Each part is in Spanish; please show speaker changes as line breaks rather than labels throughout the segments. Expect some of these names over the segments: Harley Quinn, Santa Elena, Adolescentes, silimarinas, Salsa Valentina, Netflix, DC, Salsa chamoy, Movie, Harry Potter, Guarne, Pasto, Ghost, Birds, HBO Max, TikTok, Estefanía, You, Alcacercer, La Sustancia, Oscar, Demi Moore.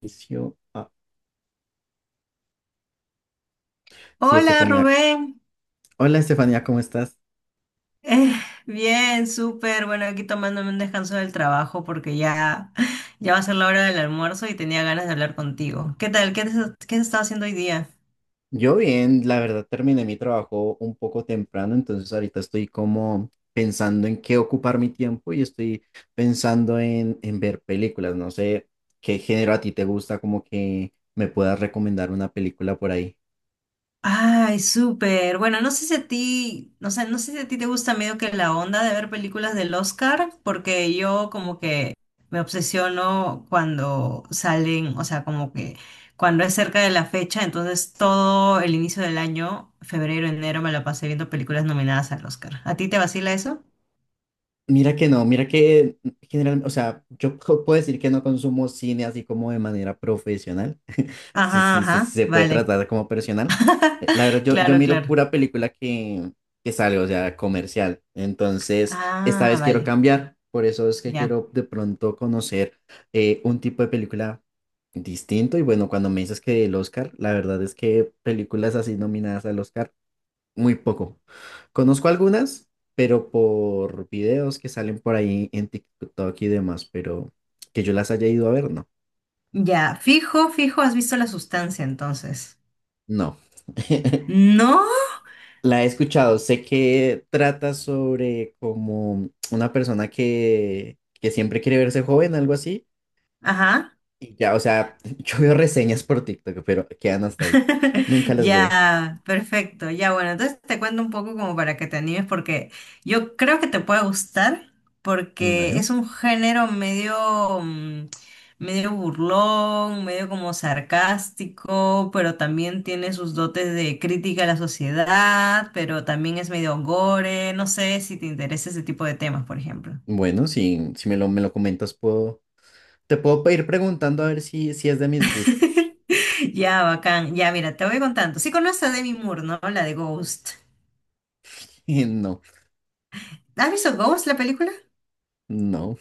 Inicio. Sí,
Hola
Estefanía.
Rubén.
Hola, Estefanía, ¿cómo estás?
Eh, Bien, súper. Bueno, aquí tomándome un descanso del trabajo porque ya va a ser la hora del almuerzo y tenía ganas de hablar contigo. ¿Qué tal? Qué has estado haciendo hoy día?
Yo bien, la verdad terminé mi trabajo un poco temprano, entonces ahorita estoy como pensando en qué ocupar mi tiempo y estoy pensando en ver películas. No sé qué género a ti te gusta, como que me puedas recomendar una película por ahí.
Ay, súper. Bueno, no sé si a ti, no sé, no sé si a ti te gusta medio que la onda de ver películas del Oscar, porque yo como que me obsesiono cuando salen, o sea, como que cuando es cerca de la fecha, entonces todo el inicio del año, febrero, enero, me la pasé viendo películas nominadas al Oscar. ¿A ti te vacila eso?
Mira que no, mira que generalmente, o sea, puedo decir que no consumo cine así como de manera profesional, sí,
Ajá,
sí, se,
ajá,
se puede
vale.
tratar como personal. Eh, La verdad, yo
Claro,
miro
claro.
pura película que sale, o sea, comercial. Entonces, esta
Ah,
vez quiero
vale,
cambiar, por eso es que
ya.
quiero de pronto conocer un tipo de película distinto. Y bueno, cuando me dices que el Oscar, la verdad es que películas así nominadas al Oscar. Muy poco. Conozco algunas, pero por videos que salen por ahí en TikTok y demás, pero que yo las haya ido a ver, no.
Ya, fijo, fijo, ¿has visto La Sustancia entonces?
No.
¿No?
La he escuchado, sé que trata sobre como una persona que siempre quiere verse joven, algo así.
Ajá.
Y ya, o sea, yo veo reseñas por TikTok, pero quedan hasta ahí. Nunca las veo.
Ya, perfecto. Ya, bueno, entonces te cuento un poco como para que te animes porque yo creo que te puede gustar porque
Vale.
es un género medio, medio burlón, medio como sarcástico, pero también tiene sus dotes de crítica a la sociedad, pero también es medio gore. No sé si te interesa ese tipo de temas, por ejemplo.
Bueno, si me lo, me lo comentas, puedo, te puedo ir preguntando a ver si, si es de mis gustos.
Ya, bacán. Ya, mira, te voy contando. Sí conoces a Demi Moore, ¿no? La de Ghost.
No.
¿Has visto Ghost, la película?
No,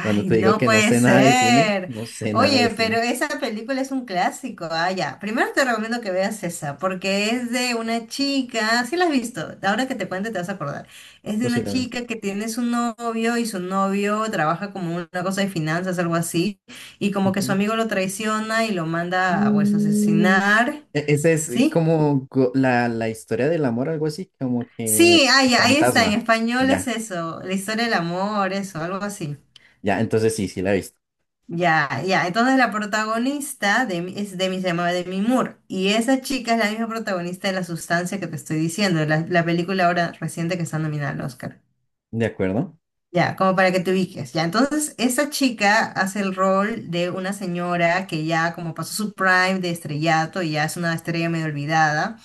cuando te digo
no
que no
puede
sé nada de cine,
ser.
no sé nada de
Oye, pero
cine,
esa película es un clásico. Ah, ya. Primero te recomiendo que veas esa, porque es de una chica, sí la has visto, ahora que te cuente te vas a acordar. Es de una
posiblemente.
chica que tiene su novio y su novio trabaja como una cosa de finanzas, algo así, y como que su
Ujú.
amigo lo traiciona y lo manda a, pues,
Mm,
asesinar,
Esa es
¿sí?
como la historia del amor, algo así, como
Sí,
que
ah,
el
ya, ahí está, en
fantasma.
español es
Ya,
eso, la historia del amor, eso, algo así.
ya, entonces sí, sí la he visto.
Ya, ya. Entonces la protagonista de, es Demi, se llama Demi Moore. Y esa chica es la misma protagonista de La Sustancia que te estoy diciendo, la película ahora reciente que está nominada al Oscar.
¿De acuerdo?
Ya, como para que te ubiques. Ya, entonces esa chica hace el rol de una señora que ya como pasó su prime de estrellato y ya es una estrella medio olvidada.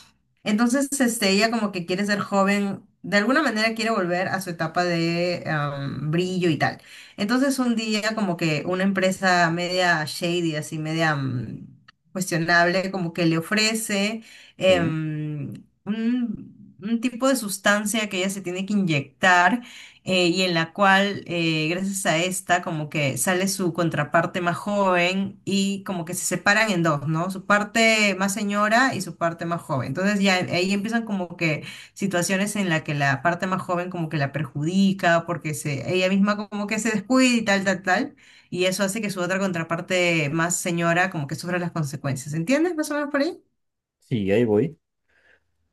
Entonces, este, ella como que quiere ser joven, de alguna manera quiere volver a su etapa de brillo y tal. Entonces, un día como que una empresa media shady, así media cuestionable, como que le ofrece
Sí,
em, un un tipo de sustancia que ella se tiene que inyectar, y en la cual, gracias a esta, como que sale su contraparte más joven y como que se separan en dos, ¿no? Su parte más señora y su parte más joven. Entonces ya ahí empiezan como que situaciones en la que la parte más joven como que la perjudica porque se, ella misma como que se descuida y tal, tal, tal. Y eso hace que su otra contraparte más señora como que sufra las consecuencias. ¿Entiendes más o menos por ahí?
sí, ahí voy.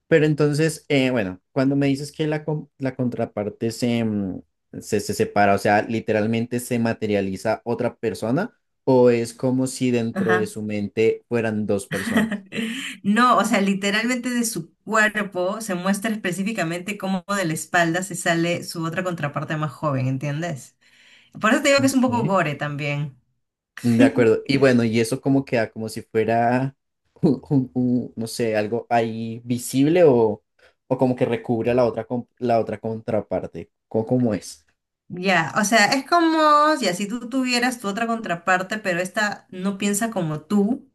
Pero entonces, bueno, cuando me dices que la contraparte se, se separa, o sea, literalmente se materializa otra persona, o es como si dentro de
Ajá.
su mente fueran dos personas.
No, o sea, literalmente de su cuerpo se muestra específicamente cómo de la espalda se sale su otra contraparte más joven, ¿entiendes? Por eso te digo que es un poco
Ok.
gore también.
De acuerdo. Y bueno, y eso como queda, como si fuera un, no sé, algo ahí visible o como que recubre a la otra, la otra contraparte. ¿Cómo, cómo es?
Ya, o sea, es como ya, si tú tuvieras tu otra contraparte, pero esta no piensa como tú,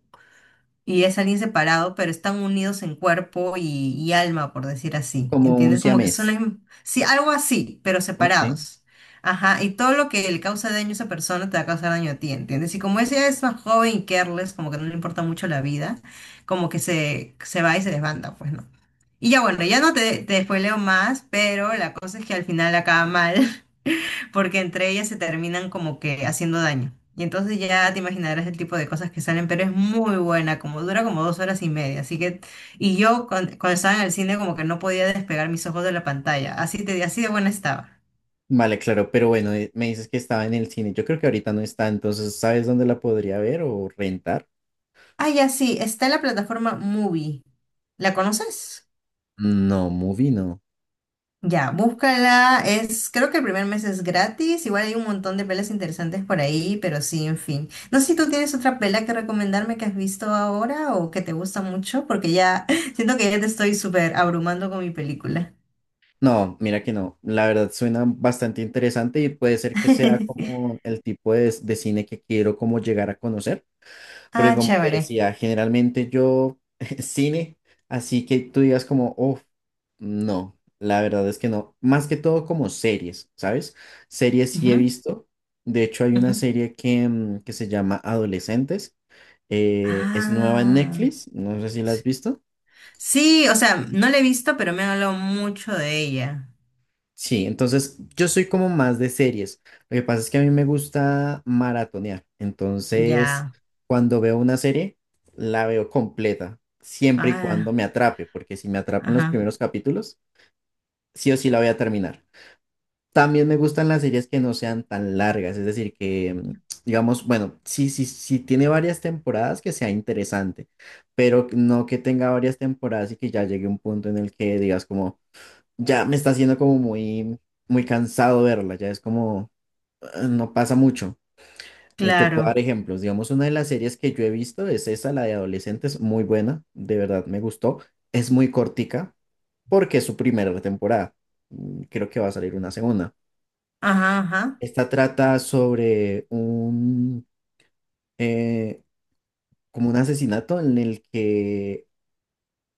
y es alguien separado, pero están unidos en cuerpo y alma, por decir así.
Como un
¿Entiendes? Como que son,
siamés.
sí, algo así, pero
Ok.
separados. Ajá, y todo lo que le causa daño a esa persona te va a causar daño a ti, ¿entiendes? Y como ella es más joven y careless, como que no le importa mucho la vida, como que se va y se desbanda, pues no. Y ya bueno, ya no te, te spoileo más, pero la cosa es que al final acaba mal porque entre ellas se terminan como que haciendo daño. Y entonces ya te imaginarás el tipo de cosas que salen, pero es muy buena, como dura como dos horas y media. Así que, y yo cuando estaba en el cine como que no podía despegar mis ojos de la pantalla. Así te, así de buena estaba.
Vale, claro, pero bueno, me dices que estaba en el cine. Yo creo que ahorita no está, entonces ¿sabes dónde la podría ver o rentar?
Ah, ya sí, está en la plataforma Movie. ¿La conoces?
No, Movie no.
Ya, búscala. Es, creo que el primer mes es gratis. Igual hay un montón de pelas interesantes por ahí, pero sí, en fin. No sé si tú tienes otra pela que recomendarme que has visto ahora o que te gusta mucho, porque ya siento que ya te estoy súper abrumando con mi película.
No, mira que no. La verdad suena bastante interesante y puede ser que sea como el tipo de cine que quiero como llegar a conocer. Porque
Ah,
como te
chévere.
decía, generalmente yo cine, así que tú digas como, uff, no, la verdad es que no. Más que todo como series, ¿sabes? Series sí he
Ujú,
visto. De hecho, hay una
ujú.
serie que se llama Adolescentes. Es nueva en
Ah,
Netflix, no sé si la has visto.
sí, o sea, no la he visto, pero me han hablado mucho de ella.
Sí, entonces yo soy como más de series. Lo que pasa es que a mí me gusta maratonear. Entonces,
Ya.
cuando veo una serie, la veo completa, siempre y cuando
Ah,
me atrape, porque si me atrapan los
ajá,
primeros capítulos, sí o sí la voy a terminar. También me gustan las series que no sean tan largas, es decir, que digamos, bueno, sí tiene varias temporadas que sea interesante, pero no que tenga varias temporadas y que ya llegue un punto en el que digas como ya me está haciendo como muy cansado verla, ya es como, no pasa mucho. Te puedo dar
claro.
ejemplos, digamos, una de las series que yo he visto es esa, la de adolescentes, muy buena, de verdad me gustó, es muy cortica porque es su primera temporada. Mm, creo que va a salir una segunda.
Ajá, ajá.
Esta trata sobre eh, como un asesinato en el que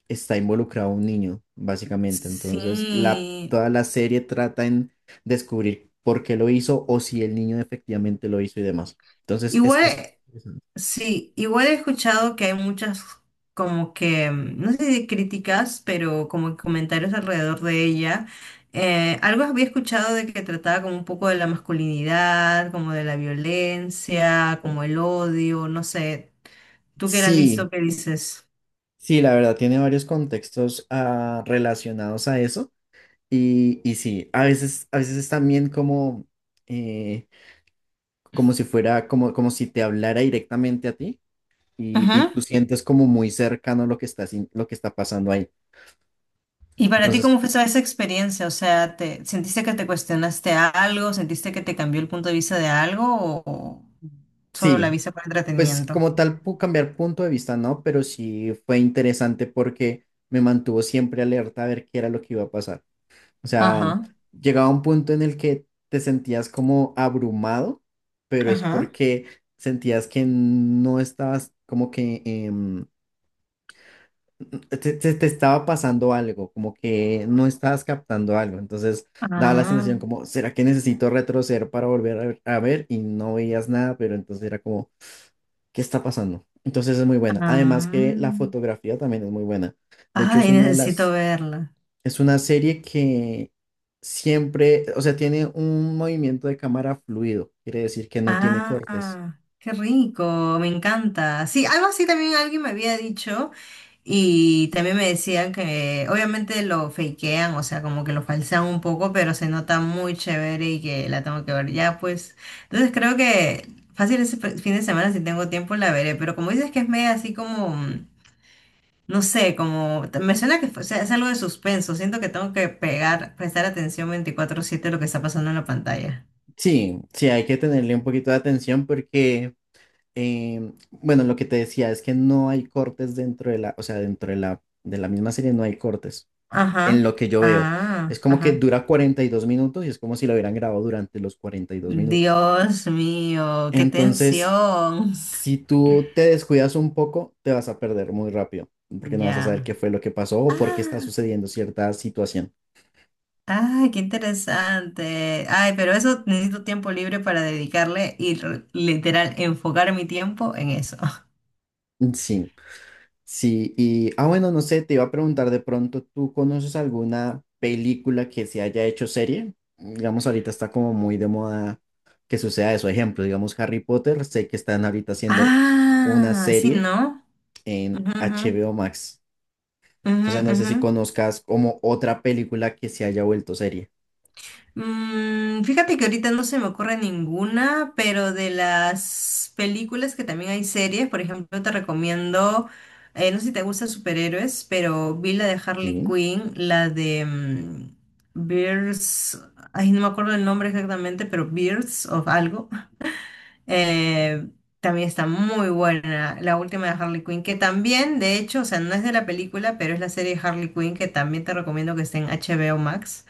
está involucrado un niño, básicamente. Entonces,
Sí.
toda la serie trata en descubrir por qué lo hizo o si el niño efectivamente lo hizo y demás. Entonces, es
Igual.
interesante.
Sí, igual he escuchado que hay muchas como que, no sé si críticas, pero como que comentarios alrededor de ella. Algo había escuchado de que trataba como un poco de la masculinidad, como de la violencia, como el odio, no sé. ¿Tú que la has visto,
Sí,
qué dices?
sí, la verdad, tiene varios contextos relacionados a eso. Y sí, a veces es también como, eh, como si fuera, como, como si te hablara directamente a ti y
Ujú.
tú sientes como muy cercano lo que está, sin- lo que está pasando ahí.
¿Y para ti
Entonces,
cómo fue esa experiencia? O sea, ¿te sentiste que te cuestionaste algo? ¿Sentiste que te cambió el punto de vista de algo o solo la
sí,
viste por
pues
entretenimiento?
como tal, puedo cambiar punto de vista, ¿no? Pero sí fue interesante porque me mantuvo siempre alerta a ver qué era lo que iba a pasar. O sea,
Ajá,
llegaba un punto en el que te sentías como abrumado, pero es
ajá.
porque sentías que no estabas como que te estaba pasando algo, como que no estabas captando algo. Entonces daba la
Ah,
sensación como, ¿será que necesito retroceder para volver a ver? A ver?", y no veías nada, pero entonces era como qué está pasando. Entonces es muy buena. Además
ah.
que la fotografía también es muy buena. De hecho, es
Ay,
una de
necesito verla.
es una serie que siempre, o sea, tiene un movimiento de cámara fluido. Quiere decir que no tiene
Ah,
cortes.
ah, qué rico, me encanta. Sí, algo así también alguien me había dicho y también me decían que obviamente lo fakean, o sea, como que lo falsean un poco, pero se nota muy chévere y que la tengo que ver ya, pues. Entonces creo que fácil ese fin de semana si tengo tiempo la veré, pero como dices que es media así como no sé, como me suena que o sea, es algo de suspenso. Siento que tengo que pegar, prestar atención veinticuatro siete a lo que está pasando en la pantalla.
Sí, sí, hay que tenerle un poquito de atención porque, bueno, lo que te decía es que no hay cortes dentro de o sea, dentro de de la misma serie no hay cortes. En
Ajá.
lo que yo veo, es
Ah,
como que
ajá.
dura 42 minutos y es como si lo hubieran grabado durante los 42 minutos.
Dios mío, qué
Entonces,
tensión.
si tú te descuidas un poco, te vas a perder muy rápido, porque no vas a saber
Ya.
qué fue lo que pasó o por qué está
Ah,
sucediendo cierta situación.
ay, qué interesante. Ay, pero eso necesito tiempo libre para dedicarle y literal enfocar mi tiempo en eso.
Sí, sí. Y, bueno, no sé, te iba a preguntar de pronto, ¿tú conoces alguna película que se haya hecho serie? Digamos, ahorita está como muy de moda que suceda eso. Ejemplo, digamos, Harry Potter, sé que están ahorita haciendo una
Ah, sí,
serie
¿no?
en
Ujú,
HBO Max.
ujú,
Entonces,
ujú,
no sé si
ujú.
conozcas como otra película que se haya vuelto serie.
Mm, fíjate que ahorita no se me ocurre ninguna, pero de las películas que también hay series, por ejemplo, te recomiendo, no sé si te gustan superhéroes, pero vi la de Harley
Sí.
Quinn, la de Birds, ay, no me acuerdo el nombre exactamente, pero Birds o algo. eh, También está muy buena la última de Harley Quinn, que también, de hecho, o sea, no es de la película, pero es la serie de Harley Quinn, que también te recomiendo, que esté en HBO Max,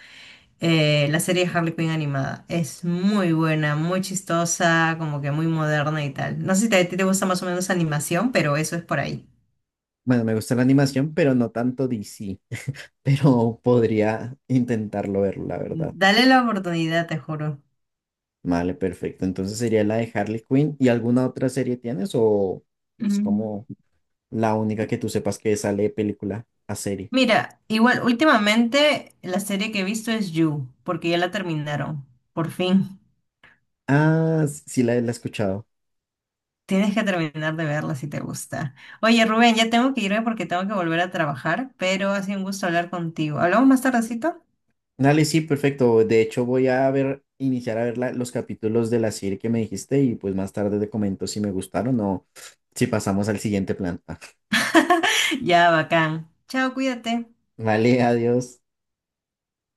la serie de Harley Quinn animada. Es muy buena, muy chistosa, como que muy moderna y tal. No sé si a ti te gusta más o menos animación, pero eso es por ahí.
Bueno, me gusta la animación, pero no tanto DC. Pero podría intentarlo ver, la verdad.
Dale la oportunidad, te juro.
Vale, perfecto. Entonces sería la de Harley Quinn. ¿Y alguna otra serie tienes o es como
Mm.
la única que tú sepas que sale de película a serie?
Mira, igual últimamente la serie que he visto es You, porque ya la terminaron. Por fin.
Ah, sí, la he escuchado.
Tienes que terminar de verla si te gusta. Oye, Rubén, ya tengo que irme porque tengo que volver a trabajar, pero ha sido un gusto hablar contigo. ¿Hablamos más tardecito?
Dale, sí, perfecto. De hecho, voy a ver, iniciar a ver los capítulos de la serie que me dijiste y pues más tarde te comento si me gustaron o si pasamos al siguiente plan.
Ya, bacán. Chao, cuídate.
Vale, adiós.